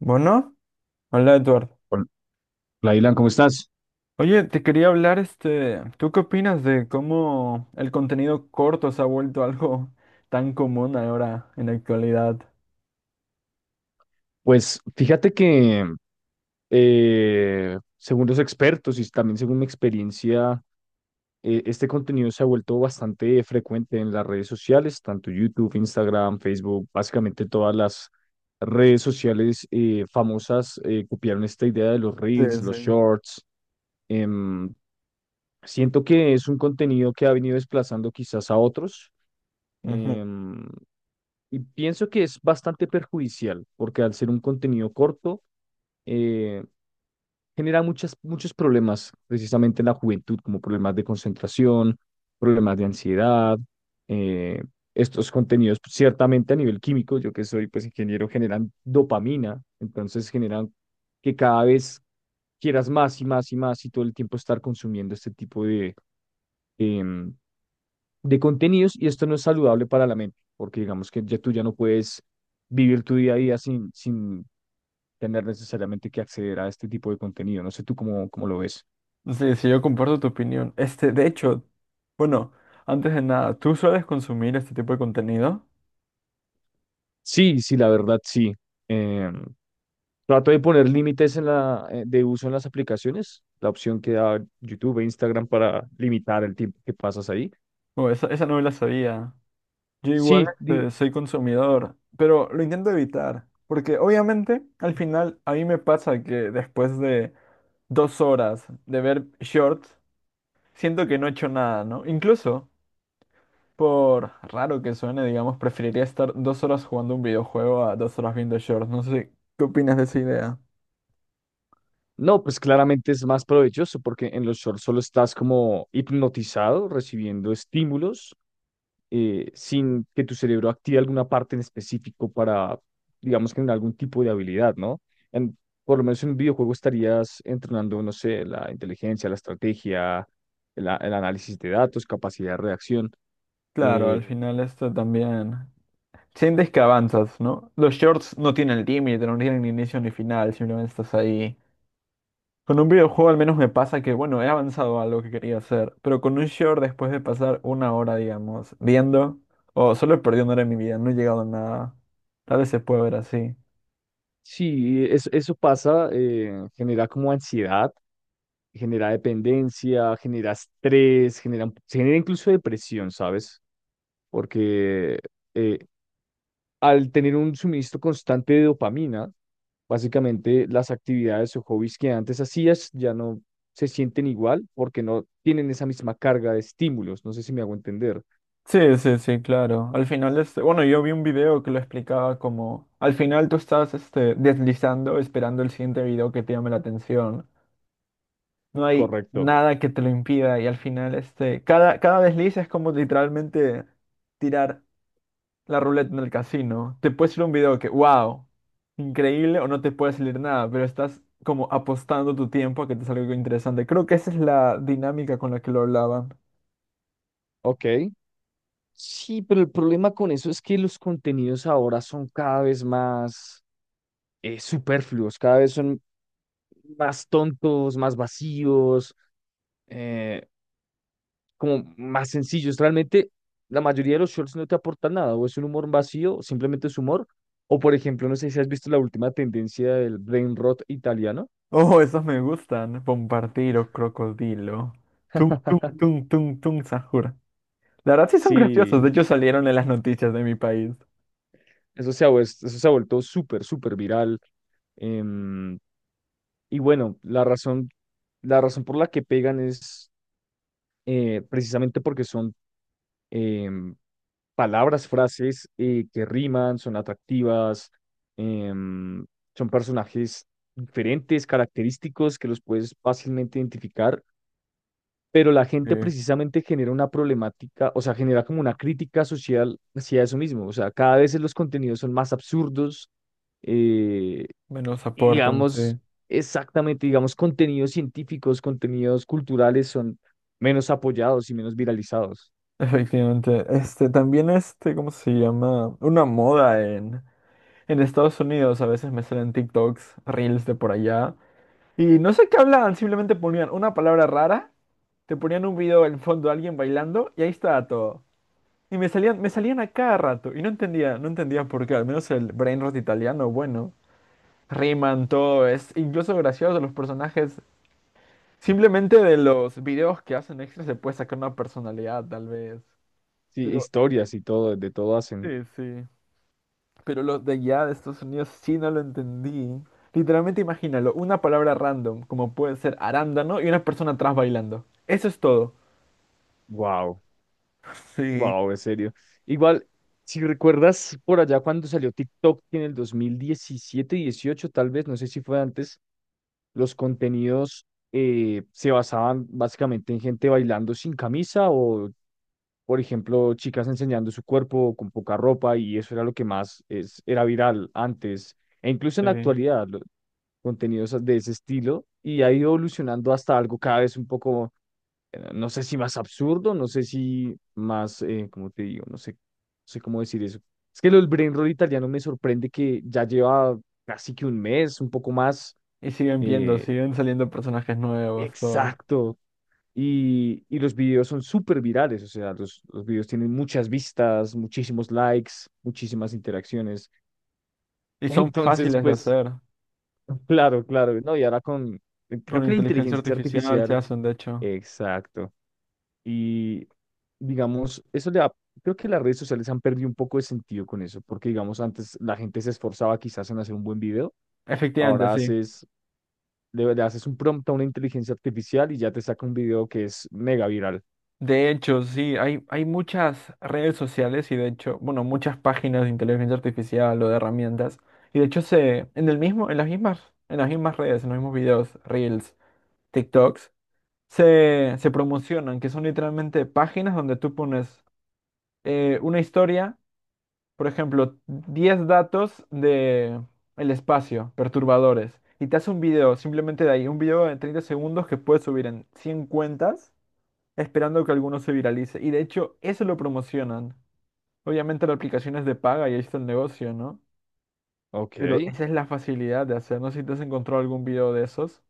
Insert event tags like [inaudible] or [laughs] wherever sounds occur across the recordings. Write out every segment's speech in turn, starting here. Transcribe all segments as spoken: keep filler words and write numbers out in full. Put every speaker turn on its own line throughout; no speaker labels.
Bueno, hola Eduardo.
Hola, hola, Dylan, ¿cómo estás?
Oye, te quería hablar, este, ¿tú qué opinas de cómo el contenido corto se ha vuelto [laughs] algo tan común ahora en la actualidad?
Pues fíjate que eh, según los expertos y también según mi experiencia, eh, este contenido se ha vuelto bastante frecuente en las redes sociales, tanto YouTube, Instagram, Facebook, básicamente todas las redes sociales eh, famosas eh, copiaron esta idea de los
Sí,
reels,
sí.
los shorts. Em, Siento que es un contenido que ha venido desplazando quizás a otros.
Ujú.
em, y pienso que es bastante perjudicial, porque al ser un contenido corto, eh, genera muchas, muchos problemas precisamente en la juventud, como problemas de concentración, problemas de ansiedad. eh, Estos contenidos pues, ciertamente a nivel químico, yo que soy pues ingeniero, generan dopamina, entonces generan que cada vez quieras más y más y más y todo el tiempo estar consumiendo este tipo de, em, de contenidos, y esto no es saludable para la mente, porque digamos que ya tú ya no puedes vivir tu día a día sin, sin tener necesariamente que acceder a este tipo de contenido. No sé tú cómo, cómo lo ves.
Sí, sí, yo comparto tu opinión. Este, de hecho, bueno, antes de nada, ¿tú sueles consumir este tipo de contenido?
Sí, sí, la verdad, sí. Eh, Trato de poner límites en la, eh, de uso en las aplicaciones, la opción que da YouTube e Instagram para limitar el tiempo que pasas ahí.
O esa, esa no me la sabía. Yo igual,
Sí, di-
este, soy consumidor, pero lo intento evitar, porque obviamente al final a mí me pasa que después de dos horas de ver shorts, siento que no he hecho nada, ¿no? Incluso, por raro que suene, digamos, preferiría estar dos horas jugando un videojuego a dos horas viendo shorts. No sé, ¿qué opinas de esa idea?
no, pues claramente es más provechoso porque en los shorts solo estás como hipnotizado, recibiendo estímulos eh, sin que tu cerebro active alguna parte en específico para, digamos, que en algún tipo de habilidad, ¿no? En, por lo menos en un videojuego estarías entrenando, no sé, la inteligencia, la estrategia, el, a- el análisis de datos, capacidad de reacción.
Claro,
Eh,
al final esto también. Sientes que avanzas, ¿no? Los shorts no tienen límite, no tienen ni inicio ni final, simplemente estás ahí. Con un videojuego al menos me pasa que, bueno, he avanzado a lo que quería hacer, pero con un short después de pasar una hora, digamos, viendo, o solo perdí una hora de mi vida, no he llegado a nada. Tal vez se puede ver así.
sí, es- eso pasa, eh, genera como ansiedad, genera dependencia, genera estrés, genera, se genera incluso depresión, ¿sabes? Porque eh, al tener un suministro constante de dopamina, básicamente las actividades o hobbies que antes hacías ya no se sienten igual porque no tienen esa misma carga de estímulos. No sé si me hago entender.
Sí, sí, sí, claro. Al final, este, bueno, yo vi un video que lo explicaba como, al final tú estás, este, deslizando, esperando el siguiente video que te llame la atención. No hay
Correcto.
nada que te lo impida y al final, este, cada, cada desliz es como literalmente tirar la ruleta en el casino. Te puede salir un video que, wow, increíble o no te puede salir nada, pero estás como apostando tu tiempo a que te salga algo interesante. Creo que esa es la dinámica con la que lo hablaba.
Ok. Sí, pero el problema con eso es que los contenidos ahora son cada vez más eh, superfluos, cada vez son más tontos, más vacíos. eh, Como más sencillos. Realmente la mayoría de los shorts no te aportan nada, o es un humor vacío, simplemente es humor, o por ejemplo, no sé si has visto la última tendencia del brain rot italiano.
Oh, esos me gustan. Bombardiro, crocodilo. Tum, tum,
[laughs]
tum, tum, tum, Sahur. La verdad sí son graciosos.
Sí,
De hecho salieron en las noticias de mi país.
eso se ha, vues- eso se ha vuelto súper, súper viral. em, y bueno, la razón, la razón por la que pegan es eh, precisamente porque son, em, palabras, frases eh, que riman, son atractivas, em, son personajes diferentes, característicos que los puedes fácilmente identificar, pero la gente
Eh,
precisamente genera una problemática, o sea, genera como una crítica social hacia eso mismo, o sea, cada vez los contenidos son más absurdos, eh,
me los
y
aportan,
digamos,
sí.
exactamente, digamos, contenidos científicos, contenidos culturales son menos apoyados y menos viralizados.
Efectivamente. Este, también este, ¿cómo se llama? Una moda en, en Estados Unidos. A veces me salen TikToks, reels de por allá. Y no sé qué hablaban. Simplemente ponían una palabra rara. Te ponían un video en fondo de alguien bailando. Y ahí estaba todo. Y me salían, me salían a cada rato. Y no entendía, no entendía por qué. Al menos el brain rot italiano, bueno. Riman, todo es incluso gracioso los personajes. Simplemente de los videos que hacen extra se puede sacar una personalidad, tal vez.
Sí,
Pero,
historias y todo, de todo
sí,
hacen.
sí. Pero los de allá de Estados Unidos sí no lo entendí. Literalmente imagínalo, una palabra random, como puede ser arándano, y una persona atrás bailando. Eso es todo.
Wow.
Sí,
Wow, en serio. Igual, si recuerdas por allá cuando salió TikTok en el dos mil diecisiete, dieciocho, tal vez, no sé si fue antes, los contenidos eh, se basaban básicamente en gente bailando sin camisa o, por ejemplo, chicas enseñando su cuerpo con poca ropa y eso era lo que más es, era viral antes e incluso en la
sí.
actualidad, los contenidos de ese estilo y ha ido evolucionando hasta algo cada vez un poco eh, no sé si más absurdo, no sé si más, eh, ¿cómo te digo? No sé, no sé cómo decir eso. Es que lo del brain roll italiano me sorprende que ya lleva casi que un mes, un poco más,
Y siguen viendo,
eh,
siguen saliendo personajes nuevos, todo.
exacto. Y, y los videos son súper virales, o sea, los, los videos tienen muchas vistas, muchísimos likes, muchísimas interacciones. [laughs]
Y son
Entonces,
fáciles de
pues,
hacer.
claro, claro, no, y ahora con, creo
Con
que la
inteligencia
inteligencia
artificial se
artificial,
hacen, de hecho.
exacto. Y digamos, eso le ha- creo que las redes sociales han perdido un poco de sentido con eso, porque digamos, antes la gente se esforzaba quizás en hacer un buen video,
Efectivamente,
ahora
sí.
haces, le, le haces un prompt a una inteligencia artificial y ya te saca un video que es mega viral.
De hecho, sí, hay, hay muchas redes sociales y de hecho, bueno, muchas páginas de inteligencia artificial o de herramientas. Y de hecho se, en el mismo, en las mismas, en las mismas redes, en los mismos videos, Reels, TikToks, se, se promocionan, que son literalmente páginas donde tú pones eh, una historia. Por ejemplo, diez datos de el espacio, perturbadores, y te hace un video, simplemente de ahí, un video de treinta segundos que puedes subir en cien cuentas, esperando que alguno se viralice. Y de hecho, eso lo promocionan. Obviamente la aplicación es de paga y ahí está el negocio, ¿no?
Ok,
Pero esa es la facilidad de hacer. No sé si te has encontrado algún video de esos.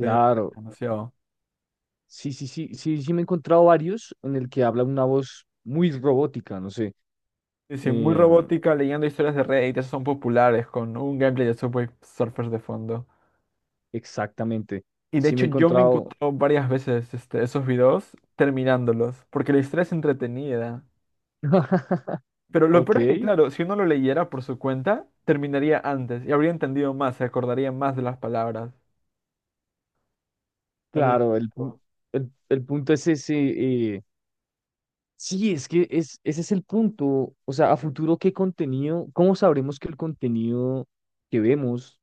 Que Demasiado.
Sí, sí, sí, sí, sí me he encontrado varios en el que habla una voz muy robótica, no sé,
Sí, sí, muy
em,
robótica, leyendo historias de Reddit, esos son populares, con un gameplay de Subway Surfers de fondo.
exactamente.
Y de
Sí me
hecho
he
yo me he
encontrado,
varias veces este, esos videos terminándolos, porque la historia es entretenida.
[laughs]
Pero lo
ok,
peor es que, claro, si uno lo leyera por su cuenta, terminaría antes y habría entendido más, se acordaría más de las palabras. Tal vez.
claro, el, pun- el, el punto es ese, sí, es que es, ese es el punto. O sea, a futuro, ¿qué contenido? ¿Cómo sabremos que el contenido que vemos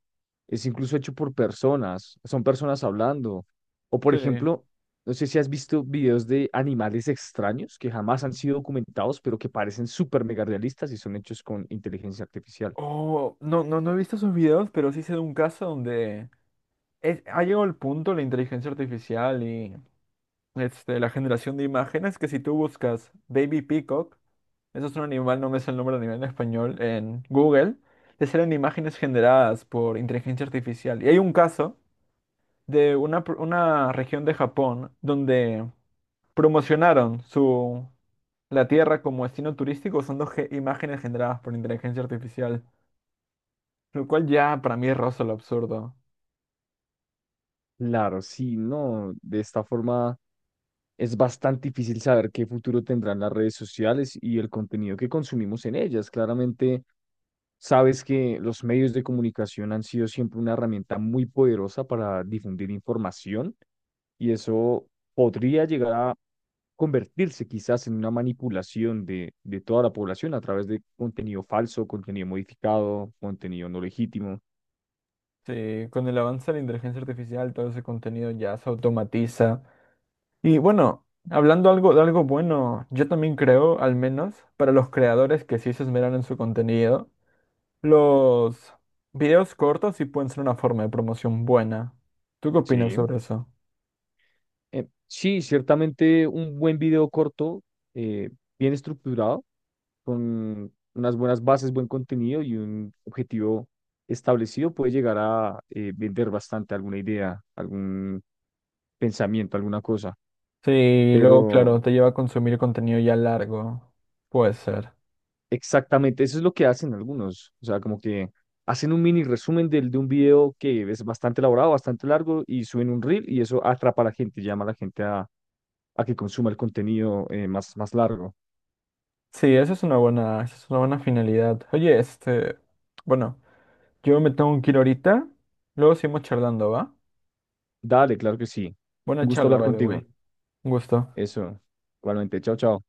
es incluso hecho por personas? Son personas hablando. O, por
Sí.
ejemplo, no sé si has visto videos de animales extraños que jamás han sido documentados, pero que parecen súper mega realistas y son hechos con inteligencia artificial.
Oh, no, no, no he visto esos videos, pero sí sé de un caso donde es- ha llegado el punto la inteligencia artificial y este, la generación de imágenes que si tú buscas Baby Peacock, eso es un animal, no me sé el nombre del animal en español, en Google, les salen imágenes generadas por inteligencia artificial. Y hay un caso de una, pr- una región de Japón donde promocionaron su, la tierra como destino turístico usando ge- imágenes generadas por inteligencia artificial, lo cual ya para mí roza lo absurdo.
Claro, sí, no. De esta forma es bastante difícil saber qué futuro tendrán las redes sociales y el contenido que consumimos en ellas. Claramente. Sabes que los medios de comunicación han sido siempre una herramienta muy poderosa para difundir información y eso podría llegar a convertirse quizás en una manipulación de, de toda la población a través de contenido falso, contenido modificado, contenido no legítimo.
Sí, con el avance de la inteligencia artificial, todo ese contenido ya se automatiza. Y bueno, hablando algo de algo bueno, yo también creo, al menos para los creadores que sí se esmeran en su contenido, los videos cortos sí pueden ser una forma de promoción buena. ¿Tú qué opinas
Sí.
sobre eso?
Eh, sí, ciertamente un buen video corto, eh, bien estructurado, con unas buenas bases, buen contenido y un objetivo establecido puede llegar a eh, vender bastante alguna idea, algún pensamiento, alguna cosa.
Sí, luego,
Pero
claro, te lleva a consumir contenido ya largo. Puede ser.
exactamente eso es lo que hacen algunos. O sea, como que hacen un mini resumen del, de un video que es bastante elaborado, bastante largo y suben un reel y eso atrapa a la gente, llama a la gente a, a que consuma el contenido eh, más, más largo.
Sí, esa es una buena, esa es una buena finalidad. Oye, este, bueno, yo me tengo que ir ahorita. Luego seguimos charlando, ¿va?
Dale, claro que sí. Un
Buena
gusto
charla,
hablar
by the
contigo.
way. Un gusto.
Eso. Igualmente. Chao, chao.